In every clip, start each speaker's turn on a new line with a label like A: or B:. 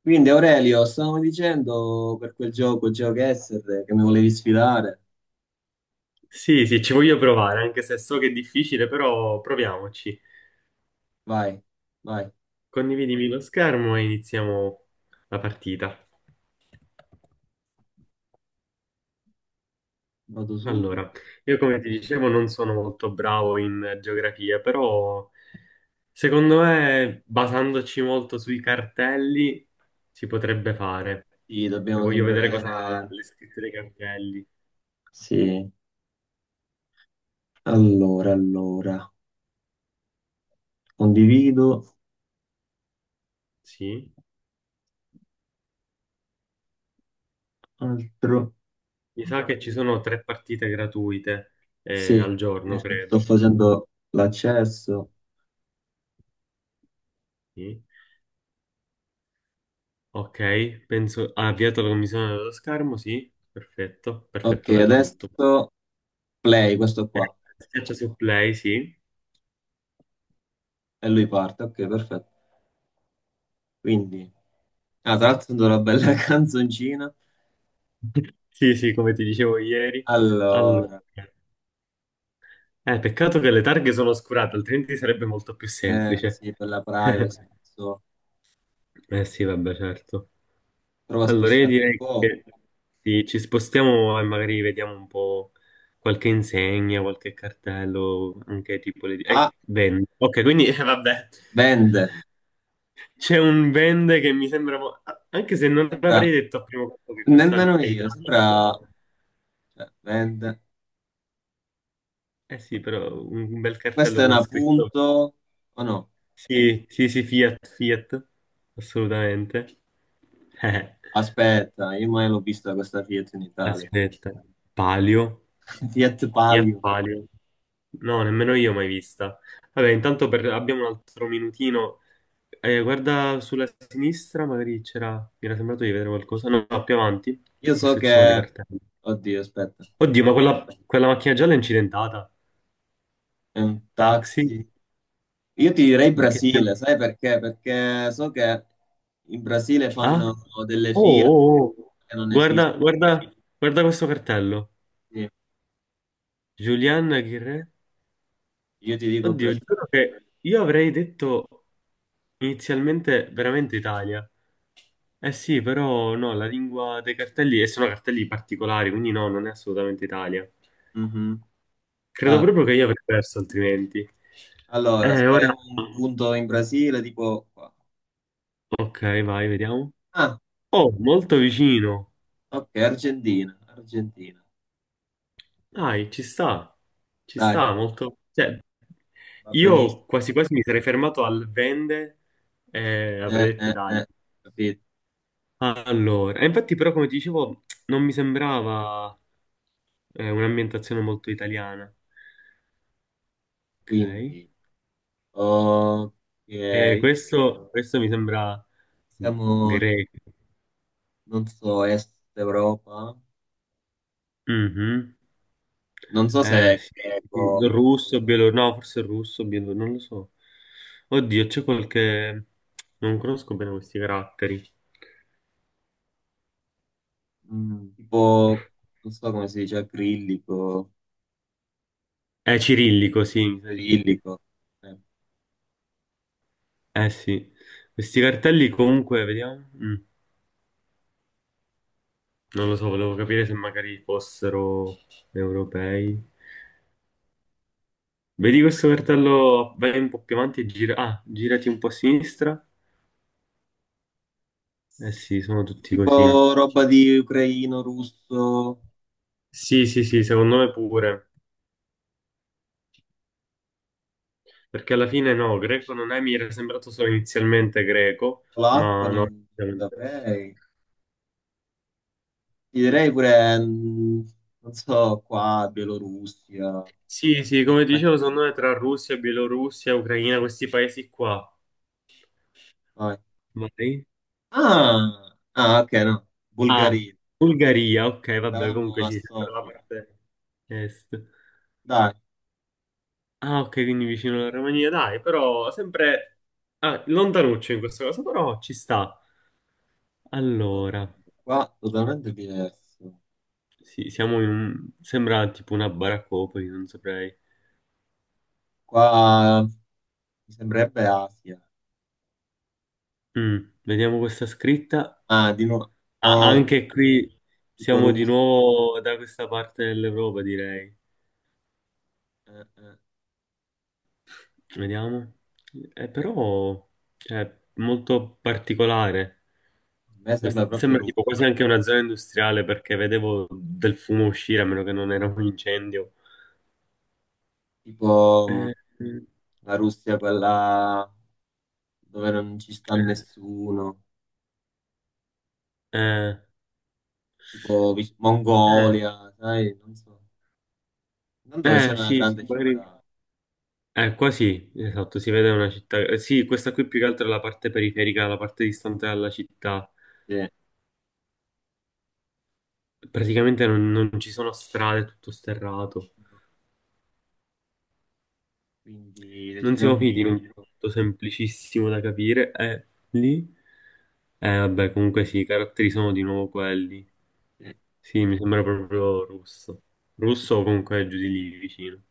A: Quindi Aurelio, stavamo dicendo per quel gioco GeoGuessr che mi volevi sfidare.
B: Sì, sì, ci voglio provare, anche se so che è difficile, però proviamoci.
A: Vai, vai,
B: Condividimi lo schermo e iniziamo la partita.
A: vado
B: Allora,
A: subito.
B: io come ti dicevo non sono molto bravo in geografia, però secondo me, basandoci molto sui cartelli, si potrebbe fare.
A: Sì,
B: Cioè,
A: dobbiamo
B: voglio
A: sempre
B: vedere cosa ha
A: vedere.
B: le scritte dei cartelli.
A: Sì, allora, condivido,
B: Sì,
A: altro.
B: mi sa che ci sono tre partite gratuite
A: Sì,
B: al
A: sì,
B: giorno,
A: sì, sto
B: credo.
A: facendo l'accesso.
B: Sì. Ok, penso... Ha avviato la commissione dello schermo, sì. Perfetto,
A: Ok,
B: perfetto, vedo tutto.
A: adesso play, questo
B: Eh,
A: qua.
B: Schiaccia su play, sì.
A: E lui parte, ok, perfetto. Quindi, ah, tra l'altro sento una bella canzoncina.
B: Sì, sì, come ti dicevo ieri. Allora,
A: Allora,
B: eh, peccato che le targhe sono oscurate, altrimenti sarebbe molto più semplice.
A: sì, per la privacy.
B: Eh sì, vabbè, certo.
A: Prova a
B: Allora, io
A: spostare un
B: direi
A: po'.
B: che sì, ci spostiamo e magari vediamo un po' qualche insegna, qualche cartello, anche tipo le...
A: Ah,
B: Bene. Ok, quindi, vabbè.
A: vende.
B: C'è un vende che mi sembra, anche se non avrei
A: Sembra,
B: detto a primo colpo che questa
A: nemmeno
B: è
A: io,
B: Italia,
A: sembra,
B: però,
A: cioè, vende.
B: eh sì, però un bel
A: Questa
B: cartello
A: è
B: con
A: una
B: scritto
A: punto, o no?
B: sì, sì, sì, Fiat, Fiat, assolutamente. Eh,
A: Aspetta, io mai l'ho vista questa Fiat in Italia.
B: Aspetta, Palio,
A: Fiat
B: Fiat
A: Palio.
B: Palio, no, nemmeno io mai vista. Vabbè, abbiamo un altro minutino. Guarda sulla sinistra, magari c'era, mi era sembrato di vedere qualcosa, no, no, più avanti,
A: Io so
B: forse ci
A: che,
B: sono dei cartelli.
A: oddio, aspetta,
B: Oddio, ma quella macchina gialla è incidentata.
A: è un
B: Taxi?
A: taxi. Io ti direi
B: Che...
A: Brasile, sai perché? Perché so che in Brasile
B: Ah?
A: fanno delle
B: Oh,
A: Fiat
B: oh, oh.
A: che non
B: Guarda,
A: esistono.
B: guarda, guarda questo cartello.
A: Sì,
B: Julian Ghirre.
A: io ti dico
B: Oddio,
A: Brasile.
B: giuro che io avrei detto inizialmente veramente Italia. Eh sì, però no, la lingua dei cartelli, e sono cartelli particolari, quindi no, non è assolutamente Italia.
A: Mhm.
B: Credo
A: Ah,
B: proprio che io avrei perso altrimenti.
A: allora,
B: Eh, ora...
A: spariamo un punto in Brasile, tipo qua.
B: Ok, vai, vediamo.
A: Ah,
B: Oh, molto vicino.
A: ok, Argentina, Argentina.
B: Dai, ci
A: Dai,
B: sta molto. Cioè,
A: va benissimo.
B: io quasi quasi mi sarei fermato al vende e
A: Eh,
B: avrei detto
A: eh,
B: Italia.
A: eh, capito?
B: Allora, e infatti però come ti dicevo non mi sembrava un'ambientazione molto italiana. Ok.
A: Quindi, ok,
B: Questo mi sembra
A: siamo,
B: greco.
A: non so, Est Europa.
B: Mhm.
A: Non so se è
B: Sì, sì,
A: greco,
B: russo, bielorusso, no, forse russo, bielorusso, non lo so. Oddio, c'è qualche... Non conosco bene questi caratteri.
A: tipo, non so come si dice, acrilico,
B: È cirillico, sì, mi sa di sì.
A: cirillico. Eh.
B: Eh sì, questi cartelli comunque, vediamo. Non lo so, volevo capire se magari fossero europei. Vedi questo cartello, vai un po' più avanti e gira... Ah, girati un po' a sinistra. Eh sì, sono tutti
A: Tipo
B: così.
A: roba di ucraino, russo,
B: Sì, sì, sì, secondo me pure. Perché alla fine no, greco non è, mi era sembrato solo inizialmente greco,
A: polacco,
B: ma no,
A: non
B: effettivamente no.
A: saprei. Ti direi pure, mm, non so, qua, Bielorussia.
B: Sì, sì,
A: Dici,
B: come dicevo,
A: mettiamo
B: secondo me
A: qua.
B: tra Russia, Bielorussia, Ucraina, questi paesi qua.
A: Vai.
B: Vai.
A: Ah, ah, ok, no.
B: Ah,
A: Bulgaria.
B: Bulgaria, ok, vabbè,
A: Eravamo
B: comunque
A: a
B: sì, sempre la
A: Sofia.
B: parte est.
A: Dai,
B: Ah, ok, quindi vicino alla Romania, dai, però sempre ah, lontanuccio in questo caso, però ci sta. Allora,
A: qua totalmente diverso.
B: sì, siamo in un... sembra tipo una baraccopoli, non saprei.
A: Qua mi sembrerebbe Asia.
B: Vediamo questa scritta.
A: Ah, di nuovo.
B: Ah,
A: Oh,
B: anche qui
A: tipo
B: siamo di
A: Russia.
B: nuovo da questa parte dell'Europa, direi.
A: Eh, eh.
B: Vediamo. Però è molto particolare.
A: A me sembra proprio
B: Sembra tipo
A: Russia.
B: quasi anche una zona industriale perché vedevo del fumo uscire, a meno che non era un incendio.
A: Tipo
B: Eh, eh,
A: la Russia, quella dove non ci sta nessuno.
B: eh,
A: Tipo
B: eh,
A: Mongolia, sai, non so. Andò c'è una
B: sì, sì,
A: grande
B: magari.
A: città,
B: Qua sì, esatto, si vede una città. Eh, sì, questa qui più che altro è la parte periferica, la parte distante dalla città.
A: sì.
B: Praticamente non ci sono strade, è tutto sterrato.
A: Quindi
B: Non siamo
A: decidiamo un
B: finiti in un
A: po'.
B: punto semplicissimo da capire. E lì, vabbè, comunque sì, i caratteri sono di nuovo quelli.
A: Sì.
B: Sì, mi sembra proprio russo. Russo o comunque giù di lì vicino.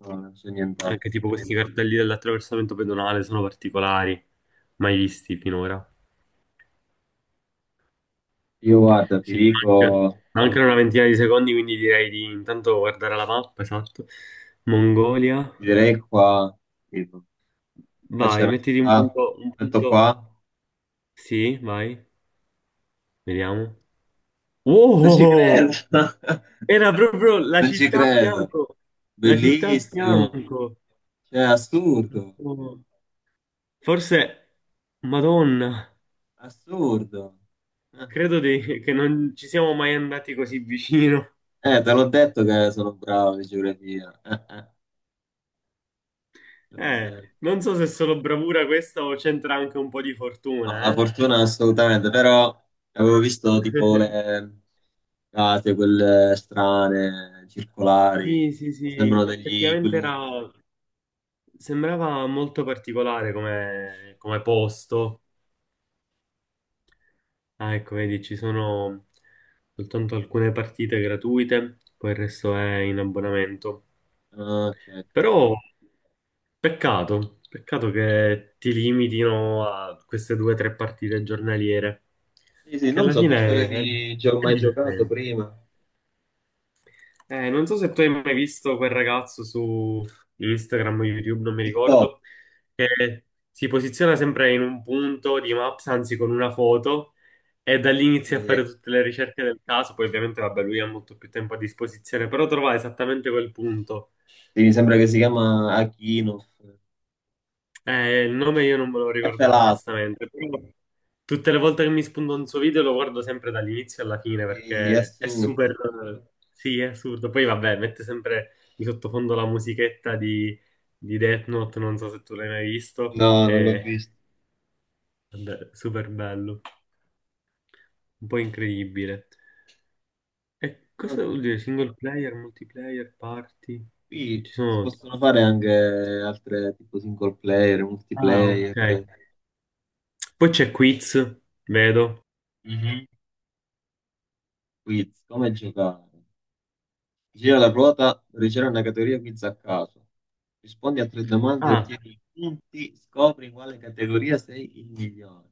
A: No, non c'è
B: Anche
A: nient'altro.
B: tipo questi cartelli dell'attraversamento pedonale sono particolari, mai visti finora.
A: Io guarda, ti
B: Sì,
A: dico,
B: anche, anche una ventina di secondi, quindi direi di intanto guardare la mappa, esatto. Mongolia.
A: ti direi qua, tipo, qua c'è
B: Vai,
A: una
B: mettiti un
A: città,
B: punto, un
A: metto
B: punto.
A: qua,
B: Sì, vai, vediamo.
A: non ci
B: Wow!
A: credo,
B: Era proprio la
A: non ci
B: città a
A: credo,
B: fianco. La città a
A: bellissimo,
B: fianco.
A: cioè assurdo,
B: Oh, forse, Madonna,
A: assurdo. Eh,
B: che non ci siamo mai andati così vicino.
A: te l'ho detto che sono bravo di geografia, te l'ho detto.
B: Non so se è solo bravura questa o c'entra anche un po' di
A: No, la
B: fortuna, eh?
A: fortuna assolutamente, però avevo visto tipo le date, quelle strane, circolari,
B: Sì, sì, sì,
A: sembrano degli
B: effettivamente era...
A: igloo.
B: sembrava molto particolare come posto. Ah, ecco, vedi, ci sono soltanto alcune partite gratuite, poi il resto è in abbonamento.
A: Ah, ok, ok,
B: Però
A: ok.
B: peccato, peccato che ti limitino a queste due o tre partite giornaliere,
A: Sì, sì,
B: perché
A: non
B: alla
A: so, tu ci
B: fine
A: avevi già
B: è
A: mai giocato
B: divertente.
A: prima?
B: Non so se tu hai mai visto quel ragazzo su Instagram o YouTube, non mi
A: TikTok,
B: ricordo, che si posiziona sempre in un punto di Maps, anzi con una foto, e da lì inizia a fare
A: sì.
B: tutte le ricerche del caso. Poi ovviamente, vabbè, lui ha molto più tempo a disposizione, però trova esattamente quel punto.
A: Sì, mi sembra che si chiama Akinoff.
B: Il nome io non me lo
A: È
B: ricordavo
A: pelato,
B: onestamente, però tutte le volte che mi spunto un suo video lo guardo sempre dall'inizio alla fine
A: sì, è
B: perché è
A: assurdo.
B: super... Sì, è assurdo. Poi vabbè, mette sempre di sottofondo la musichetta di Death Note, non so se tu l'hai mai visto,
A: No, non l'ho
B: è
A: visto.
B: vabbè, super bello, un po' incredibile. E cosa
A: Ok.
B: vuol dire? Single player, multiplayer, party?
A: Qui
B: Ci
A: si
B: sono...
A: possono fare anche altre tipo single player,
B: Ah,
A: multiplayer.
B: ok. Poi c'è quiz, vedo.
A: Mhm. Quiz, come giocare? Gira la ruota, riceve una categoria quiz a caso. Rispondi a tre domande e
B: Ah,
A: ottieni i punti. Scopri in quale categoria sei il migliore.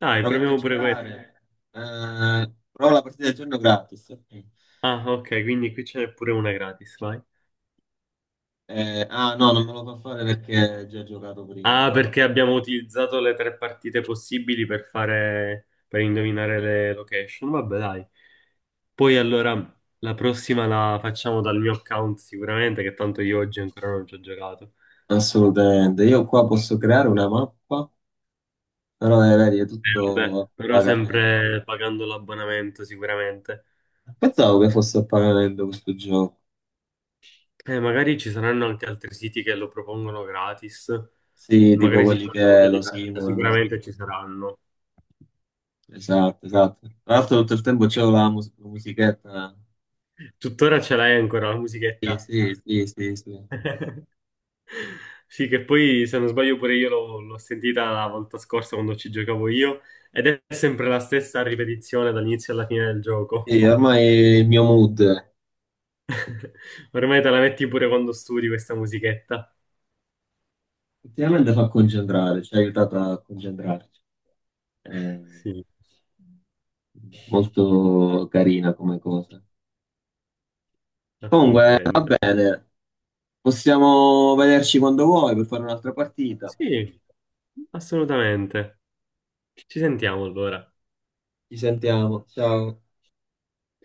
B: dai,
A: Proviamo a
B: proviamo pure questo.
A: girare. Prova la partita del giorno gratis. Ok.
B: Ah, ok, quindi qui ce n'è pure una gratis, vai.
A: Ah no, non me lo fa fare perché già ho già giocato prima.
B: Ah, perché abbiamo utilizzato le tre partite possibili per fare, per indovinare le location. Vabbè, dai. Poi allora la prossima la facciamo dal mio account sicuramente, che tanto io oggi ancora non ci ho giocato.
A: Assolutamente. Io qua posso creare una mappa, però vedi, è tutto
B: Vabbè,
A: a
B: però
A: pagamento.
B: sempre pagando l'abbonamento sicuramente.
A: Pensavo che fosse a pagamento questo gioco.
B: Magari ci saranno anche altri siti che lo propongono gratis.
A: Sì, tipo
B: Magari si
A: quelli
B: fa in
A: che
B: modo
A: lo
B: diverso,
A: simulano.
B: sicuramente ci saranno.
A: Esatto, esatto. Tra l'altro tutto il tempo c'è la, la musichetta.
B: Tuttora ce l'hai ancora la
A: Sì,
B: musichetta?
A: sì, sì, sì, sì.
B: Sì, che poi se non sbaglio pure io l'ho sentita la volta scorsa quando ci giocavo io ed è sempre la stessa ripetizione dall'inizio alla fine del gioco.
A: Sì, ormai il mio mood
B: Ormai te la metti pure quando studi questa musichetta.
A: ultimamente fa concentrare, ci ha aiutato a concentrarci. È
B: Sì,
A: molto carina come cosa. Comunque, va
B: assolutamente.
A: bene, possiamo vederci quando vuoi per fare un'altra partita.
B: Sì, assolutamente. Ci sentiamo allora.
A: Ci sentiamo, ciao.